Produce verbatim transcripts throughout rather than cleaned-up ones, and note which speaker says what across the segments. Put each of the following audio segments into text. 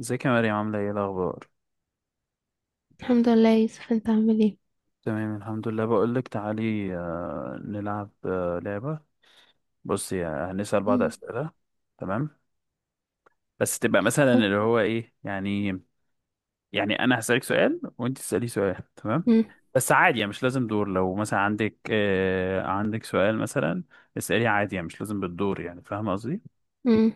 Speaker 1: ازيك يا مريم، عاملة ايه الأخبار؟
Speaker 2: الحمد لله يا يوسف، انت عامل ايه؟
Speaker 1: تمام الحمد لله. بقولك تعالي آه، نلعب آه، لعبة. بصي، آه، هنسأل بعض
Speaker 2: مم.
Speaker 1: أسئلة. تمام، بس تبقى مثلا
Speaker 2: ها.
Speaker 1: اللي هو ايه يعني. يعني أنا هسألك سؤال وأنت تسألي سؤال، تمام؟
Speaker 2: مم.
Speaker 1: بس عادي، يعني مش لازم دور. لو مثلا عندك آه عندك سؤال مثلا، اسألي عادي. يعني مش لازم بالدور، يعني فاهمة قصدي؟
Speaker 2: مم.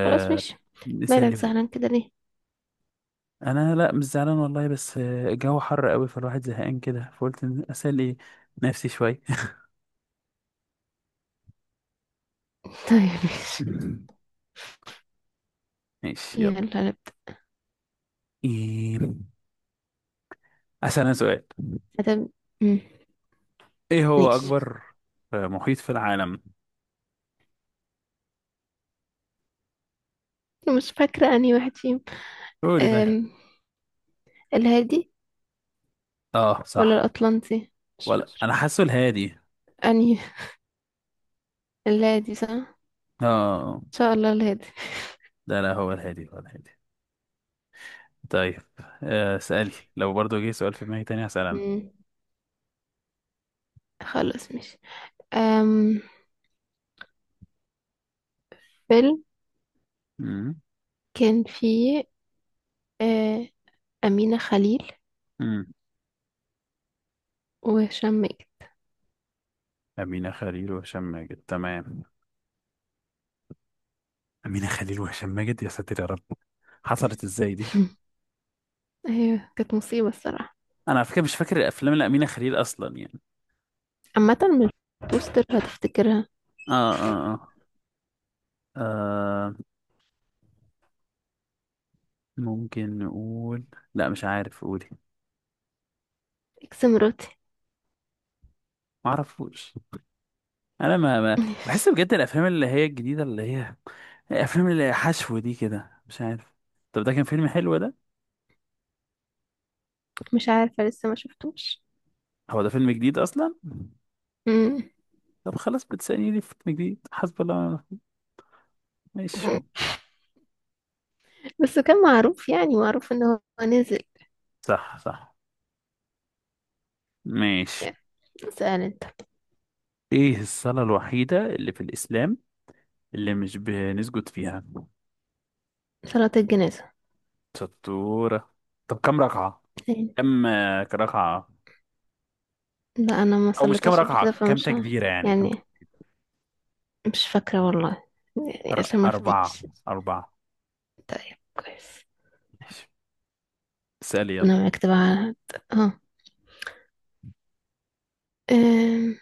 Speaker 2: خلاص، مش... مالك
Speaker 1: هو.
Speaker 2: زعلان كده ليه؟
Speaker 1: أنا لأ مش زعلان والله، بس آه، الجو حر قوي فالواحد زهقان كده، فقلت إن أسأل ايه نفسي شوية.
Speaker 2: طيب، ماشي.
Speaker 1: ماشي
Speaker 2: يلا
Speaker 1: يلا.
Speaker 2: نبدأ.
Speaker 1: إيه... أسأل أنا سؤال.
Speaker 2: هتب... مم.
Speaker 1: إيه هو
Speaker 2: ماشي.
Speaker 1: أكبر آه، محيط في العالم؟
Speaker 2: مش فاكرة انهي واحد فيهم.
Speaker 1: قولي طيب.
Speaker 2: أم... الهادي
Speaker 1: آه
Speaker 2: ولا
Speaker 1: صح.
Speaker 2: الأطلنطي؟ مش
Speaker 1: ولا
Speaker 2: فاكرة
Speaker 1: أنا حاسه الهادي.
Speaker 2: انهي. الهادي، صح ان
Speaker 1: آه.
Speaker 2: شاء الله الهادي.
Speaker 1: لا لا هو الهادي، هو الهادي. طيب، آه، اسألي. لو برضو جه سؤال في دماغي تاني هسأل أنا.
Speaker 2: مم. خلاص، مش... أم... فيلم
Speaker 1: أمم،
Speaker 2: كان فيه أه... أمينة خليل
Speaker 1: أمم.
Speaker 2: وهشام ماجد.
Speaker 1: أمينة خليل وهشام ماجد، تمام. أمينة خليل وهشام ماجد، يا ساتر يا رب! حصلت إزاي دي؟
Speaker 2: ايوه، كانت مصيبة الصراحة.
Speaker 1: أنا على فكرة مش فاكر الأفلام لأمينة خليل أصلا يعني.
Speaker 2: عامة من البوستر هتفتكرها.
Speaker 1: آه آه آه, آه. ممكن نقول، لا مش عارف، قولي.
Speaker 2: اكس مراتي.
Speaker 1: ما اعرفوش. انا ما, ما بحس بجد الافلام اللي هي الجديده، اللي هي الافلام اللي هي حشو دي كده، مش عارف. طب ده كان فيلم حلو ده؟
Speaker 2: مش عارفة، لسه ما شفتوش.
Speaker 1: هو ده فيلم جديد اصلا؟
Speaker 2: مم.
Speaker 1: طب خلاص، بتسألني ليه في فيلم جديد؟ حسب الله ونعم الوكيل. ماشي.
Speaker 2: بس كان معروف، يعني معروف ان هو نزل.
Speaker 1: صح صح ماشي.
Speaker 2: يعني سأل انت.
Speaker 1: ايه الصلاة الوحيدة اللي في الاسلام اللي مش بنسجد فيها؟
Speaker 2: صلاة الجنازة.
Speaker 1: شطورة. طب كم ركعة؟
Speaker 2: يعني
Speaker 1: كم آه، ركعة؟
Speaker 2: لا، انا ما
Speaker 1: او مش كم
Speaker 2: صليتهاش قبل كده
Speaker 1: ركعة، كم
Speaker 2: فمش ه-
Speaker 1: تكبيرة يعني، كم؟
Speaker 2: يعني مش فاكرة والله. يعني
Speaker 1: أر-
Speaker 2: عشان ما
Speaker 1: أربعة.
Speaker 2: افتيش.
Speaker 1: أربعة.
Speaker 2: طيب، كويس.
Speaker 1: ماشي، اسألي يلا.
Speaker 2: انا معاك تبع على هاد. اه. أم،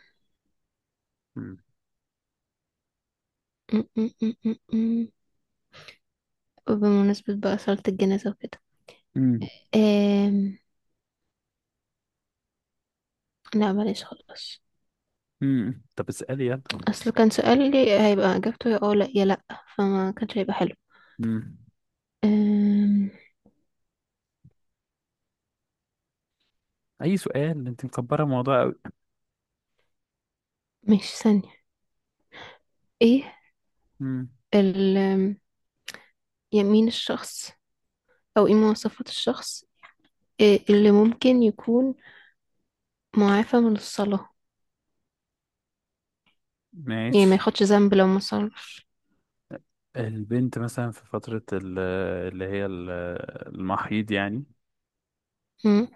Speaker 1: مم.
Speaker 2: أم، أم، أم، أم، أم. وبمناسبة بقى صلاة الجنازة وكده،
Speaker 1: مم.
Speaker 2: أم، لا بلاش، خلاص.
Speaker 1: مم. طب اسألي يلا.
Speaker 2: اصل كان سؤال لي هيبقى اجابته يا اه لا يا لا، فما كانش هيبقى حلو.
Speaker 1: مم.
Speaker 2: أم...
Speaker 1: أي سؤال، أنت مكبرة الموضوع أوي.
Speaker 2: ماشي ثانية. ايه
Speaker 1: مم.
Speaker 2: ال أم، يعني مين الشخص، او ايه مواصفات الشخص، إيه اللي ممكن يكون معافى من الصلاة، يعني ما
Speaker 1: ماشي.
Speaker 2: ياخدش ذنب لو ما صلاش.
Speaker 1: البنت مثلا في فترة ال- اللي هي ال- المحيض يعني.
Speaker 2: أم،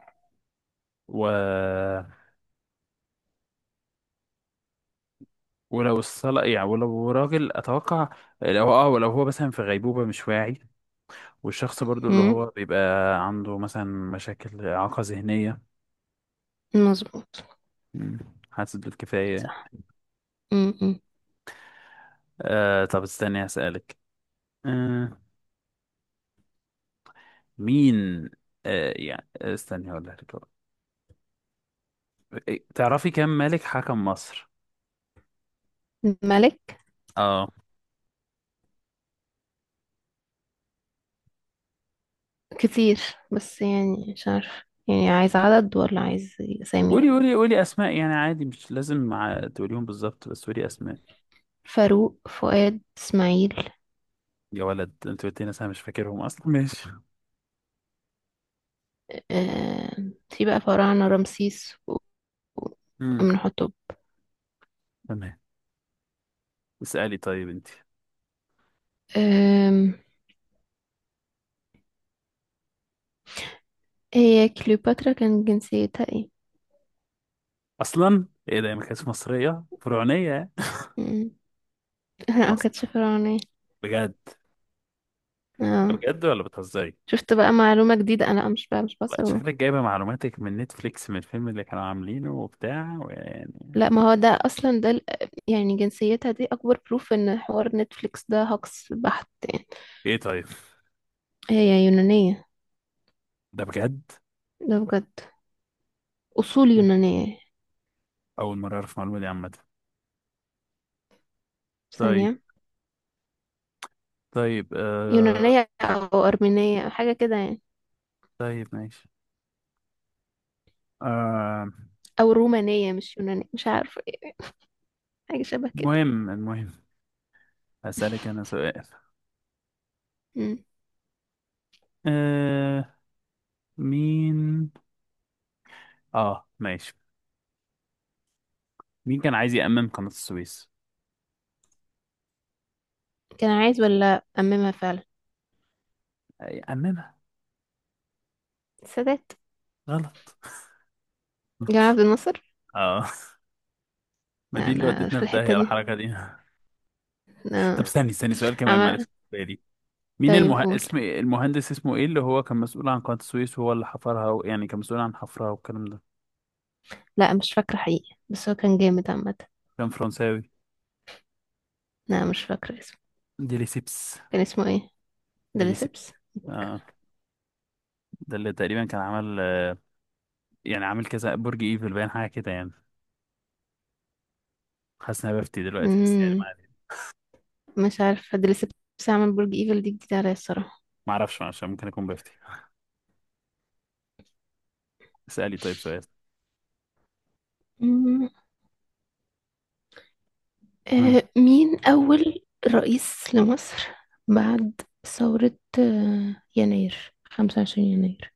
Speaker 1: و... ولو الصلاة يعني، ولو راجل أتوقع، لو اه ولو هو مثلا في غيبوبة مش واعي، والشخص برضو اللي
Speaker 2: أم،
Speaker 1: هو بيبقى عنده مثلا مشاكل إعاقة ذهنية.
Speaker 2: مظبوط.
Speaker 1: مم. حاسس بالكفاية.
Speaker 2: صح. أم، أم.
Speaker 1: آه طب استني أسألك. آه مين آه يعني استني اقول لك، إيه، تعرفي كم ملك حكم مصر؟
Speaker 2: ملك
Speaker 1: اه،
Speaker 2: كتير، بس يعني مش عارف، يعني عايز عدد ولا عايز اسامي؟
Speaker 1: قولي قولي قولي اسماء يعني عادي، مش لازم مع تقوليهم بالظبط، بس قولي اسماء.
Speaker 2: فاروق، فؤاد، اسماعيل.
Speaker 1: يا ولد انت قلت لي ناس انا مش فاكرهم اصلا، ماشي.
Speaker 2: آه، في بقى فراعنة، رمسيس و-
Speaker 1: امم،
Speaker 2: وامنحتب.
Speaker 1: تمام. اسالي طيب انت.
Speaker 2: آم، هي كليوباترا كان جنسيتها ايه؟
Speaker 1: اصلا ايه ده، هي ما كانتش مصريه فرعونيه؟
Speaker 2: مم. لا، ما
Speaker 1: مصر،
Speaker 2: كانتش فرعونية.
Speaker 1: بجد؟
Speaker 2: اه.
Speaker 1: بجد ولا بتهزري؟
Speaker 2: شفت بقى معلومة جديدة، انا مش بقى مش بصل
Speaker 1: لا،
Speaker 2: والله.
Speaker 1: شكلك جايبه معلوماتك من نتفليكس، من الفيلم اللي كانوا عاملينه وبتاع ويعني.
Speaker 2: لا، ما هو ده اصلا ده ال- يعني جنسيتها دي اكبر بروف ان حوار نتفليكس ده هوكس بحت يعني.
Speaker 1: ايه طيب،
Speaker 2: هي يونانية.
Speaker 1: ده بجد؟
Speaker 2: ده بجد. اصول يونانية.
Speaker 1: أول مرة أعرف المعلومة دي عامة. طيب.
Speaker 2: ثانية.
Speaker 1: طيب آه،
Speaker 2: يونانية او ارمينية او حاجة كده يعني،
Speaker 1: طيب ماشي. آه،
Speaker 2: او رومانية. مش يونانية، مش عارفة إيه، حاجة شبه كده.
Speaker 1: المهم المهم، هسألك أنا سؤال.
Speaker 2: مم.
Speaker 1: آه مين آه ماشي، مين كان عايز يأمم قناة السويس؟
Speaker 2: كان عايز ولا أممها فعلا؟
Speaker 1: آه، يأممها.
Speaker 2: السادات.
Speaker 1: غلط.
Speaker 2: جمال عبد الناصر.
Speaker 1: آه. ما دي اللي
Speaker 2: أنا
Speaker 1: ودتنا
Speaker 2: في
Speaker 1: في
Speaker 2: الحتة
Speaker 1: داهية،
Speaker 2: دي.
Speaker 1: الحركة دي. طب
Speaker 2: أنا
Speaker 1: استني استني، سؤال كمان
Speaker 2: عم...
Speaker 1: معلش بالي. مين
Speaker 2: طيب،
Speaker 1: المه...
Speaker 2: قول.
Speaker 1: اسم المهندس اسمه ايه، اللي هو كان مسؤول عن قناة السويس وهو اللي حفرها و... يعني كان مسؤول عن حفرها والكلام ده؟
Speaker 2: لا، مش فاكرة حقيقي، بس هو كان جامد عامة.
Speaker 1: كان فرنساوي،
Speaker 2: لا، مش فاكرة اسمه.
Speaker 1: ديليسيبس.
Speaker 2: كان اسمه ايه؟
Speaker 1: ديليسيبس
Speaker 2: دريسبس.
Speaker 1: ده اللي تقريبا كان عمل، يعني عامل كذا برج ايفل باين، حاجه كده يعني. حاسس ان انا بفتي دلوقتي بس يعني ما
Speaker 2: مم.
Speaker 1: علينا.
Speaker 2: مش عارفة دريسبس عمل برج ايفل، دي جديدة عليا الصراحة.
Speaker 1: ما اعرفش عشان ممكن اكون بفتي. اسالي طيب سؤال.
Speaker 2: مم.
Speaker 1: آه.
Speaker 2: آه مين أول رئيس لمصر بعد ثورة آه يناير، خمسة وعشرين يناير؟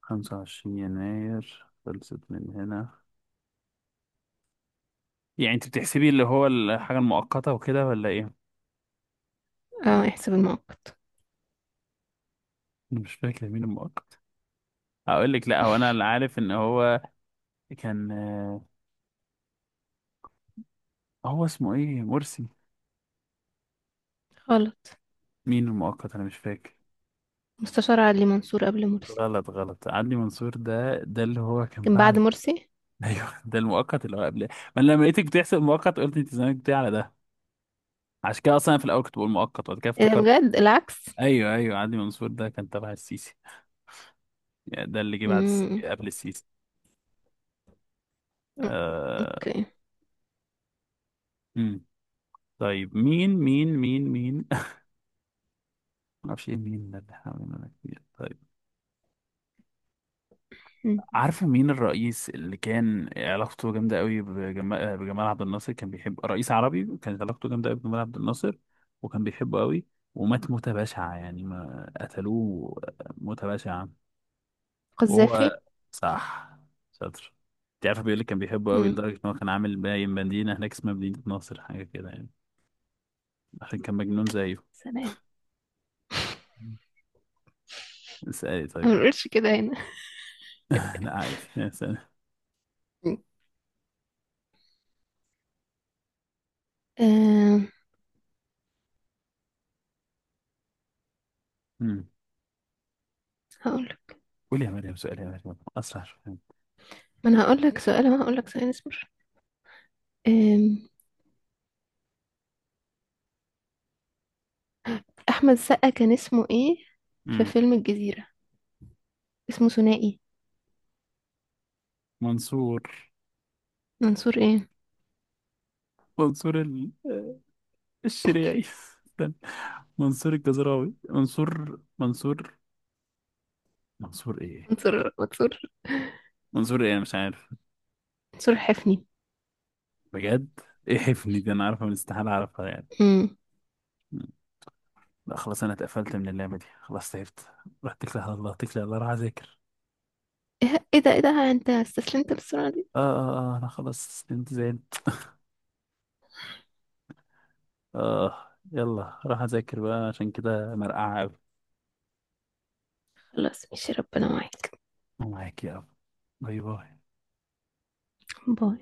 Speaker 1: خمسة وعشرين يناير خلصت من هنا. يعني انت بتحسبي اللي هو الحاجه المؤقته وكده ولا ايه؟
Speaker 2: اه، احسب المؤقت.
Speaker 1: انا مش فاكر مين المؤقت. اقول لك، لا هو انا اللي عارف ان هو كان، آه، هو اسمه ايه، مرسي؟
Speaker 2: غلط.
Speaker 1: مين المؤقت، انا مش فاكر.
Speaker 2: مستشار علي منصور قبل مرسي.
Speaker 1: غلط غلط، عدلي منصور، ده ده اللي هو كان
Speaker 2: كان بعد
Speaker 1: بعد.
Speaker 2: مرسي.
Speaker 1: ايوه ده المؤقت اللي هو قبل ما. أنا لما لقيتك بتحسب مؤقت قلت انت زمانك بتاع على ده، عشان كده اصلا أنا في الاول كنت بقول مؤقت وبعد كده
Speaker 2: ايه ده،
Speaker 1: افتكرت.
Speaker 2: بجد العكس؟
Speaker 1: ايوه ايوه، عدلي منصور ده كان تبع السيسي، يعني ده اللي جه بعد الس...
Speaker 2: امم.
Speaker 1: قبل السيسي. آه...
Speaker 2: اوكي.
Speaker 1: مم. طيب، مين مين مين مين ما اعرفش ايه، مين ده اللي حوالينا ده كتير.
Speaker 2: مم.
Speaker 1: عارفة مين الرئيس اللي كان علاقته جامدة قوي بجما- بجمال عبد الناصر، كان بيحب رئيس عربي، كانت علاقته جامدة قوي بجمال عبد الناصر وكان بيحبه قوي، ومات موتة بشعة يعني، ما قتلوه موتة بشعة.
Speaker 2: قذافي.
Speaker 1: وهو، صح، شاطر. انت عارفة بيقول لك كان بيحبه قوي
Speaker 2: امم.
Speaker 1: لدرجة ان هو كان عامل باين مدينة هناك اسمها مدينة ناصر، حاجة كده يعني، عشان كان مجنون زيه.
Speaker 2: سلام.
Speaker 1: اسألي
Speaker 2: أنا
Speaker 1: طيب
Speaker 2: ما
Speaker 1: يلا.
Speaker 2: بنقولش كده هنا.
Speaker 1: لا عادي اسألي.
Speaker 2: مم. أم.
Speaker 1: مم.
Speaker 2: هقول.
Speaker 1: قولي يا مريم سؤال، يا مريم أسرع شوية.
Speaker 2: ما انا هقول لك سؤال، ما هقول لك سؤال، اصبر. أم. احمد سقا كان اسمه ايه في
Speaker 1: مم.
Speaker 2: فيلم الجزيرة؟ اسمه ثنائي.
Speaker 1: منصور،
Speaker 2: منصور ايه؟
Speaker 1: منصور ال... الشريعي. استنى. منصور الجزراوي، منصور منصور منصور ايه؟
Speaker 2: منصور منصور.
Speaker 1: منصور ايه، انا مش عارف.
Speaker 2: منصور حفني.
Speaker 1: بجد؟ ايه حفني دي، انا عارفها من استحالة اعرفها يعني.
Speaker 2: امم.
Speaker 1: مم. لا خلاص، انا اتقفلت من اللعبة دي خلاص، تعبت. رحت اتكل على الله، اتكل على الله، راح اذاكر.
Speaker 2: ايه؟ إيه ده، ايه ده، انت استسلمت للسرعة دي.
Speaker 1: اه اه اه، انا خلاص استنت، زعلت. اه، يلا راح اذاكر بقى، عشان كده مرقعة قوي.
Speaker 2: خلاص، ماشي، ربنا معاك.
Speaker 1: معاك يا رب. باي باي.
Speaker 2: باي.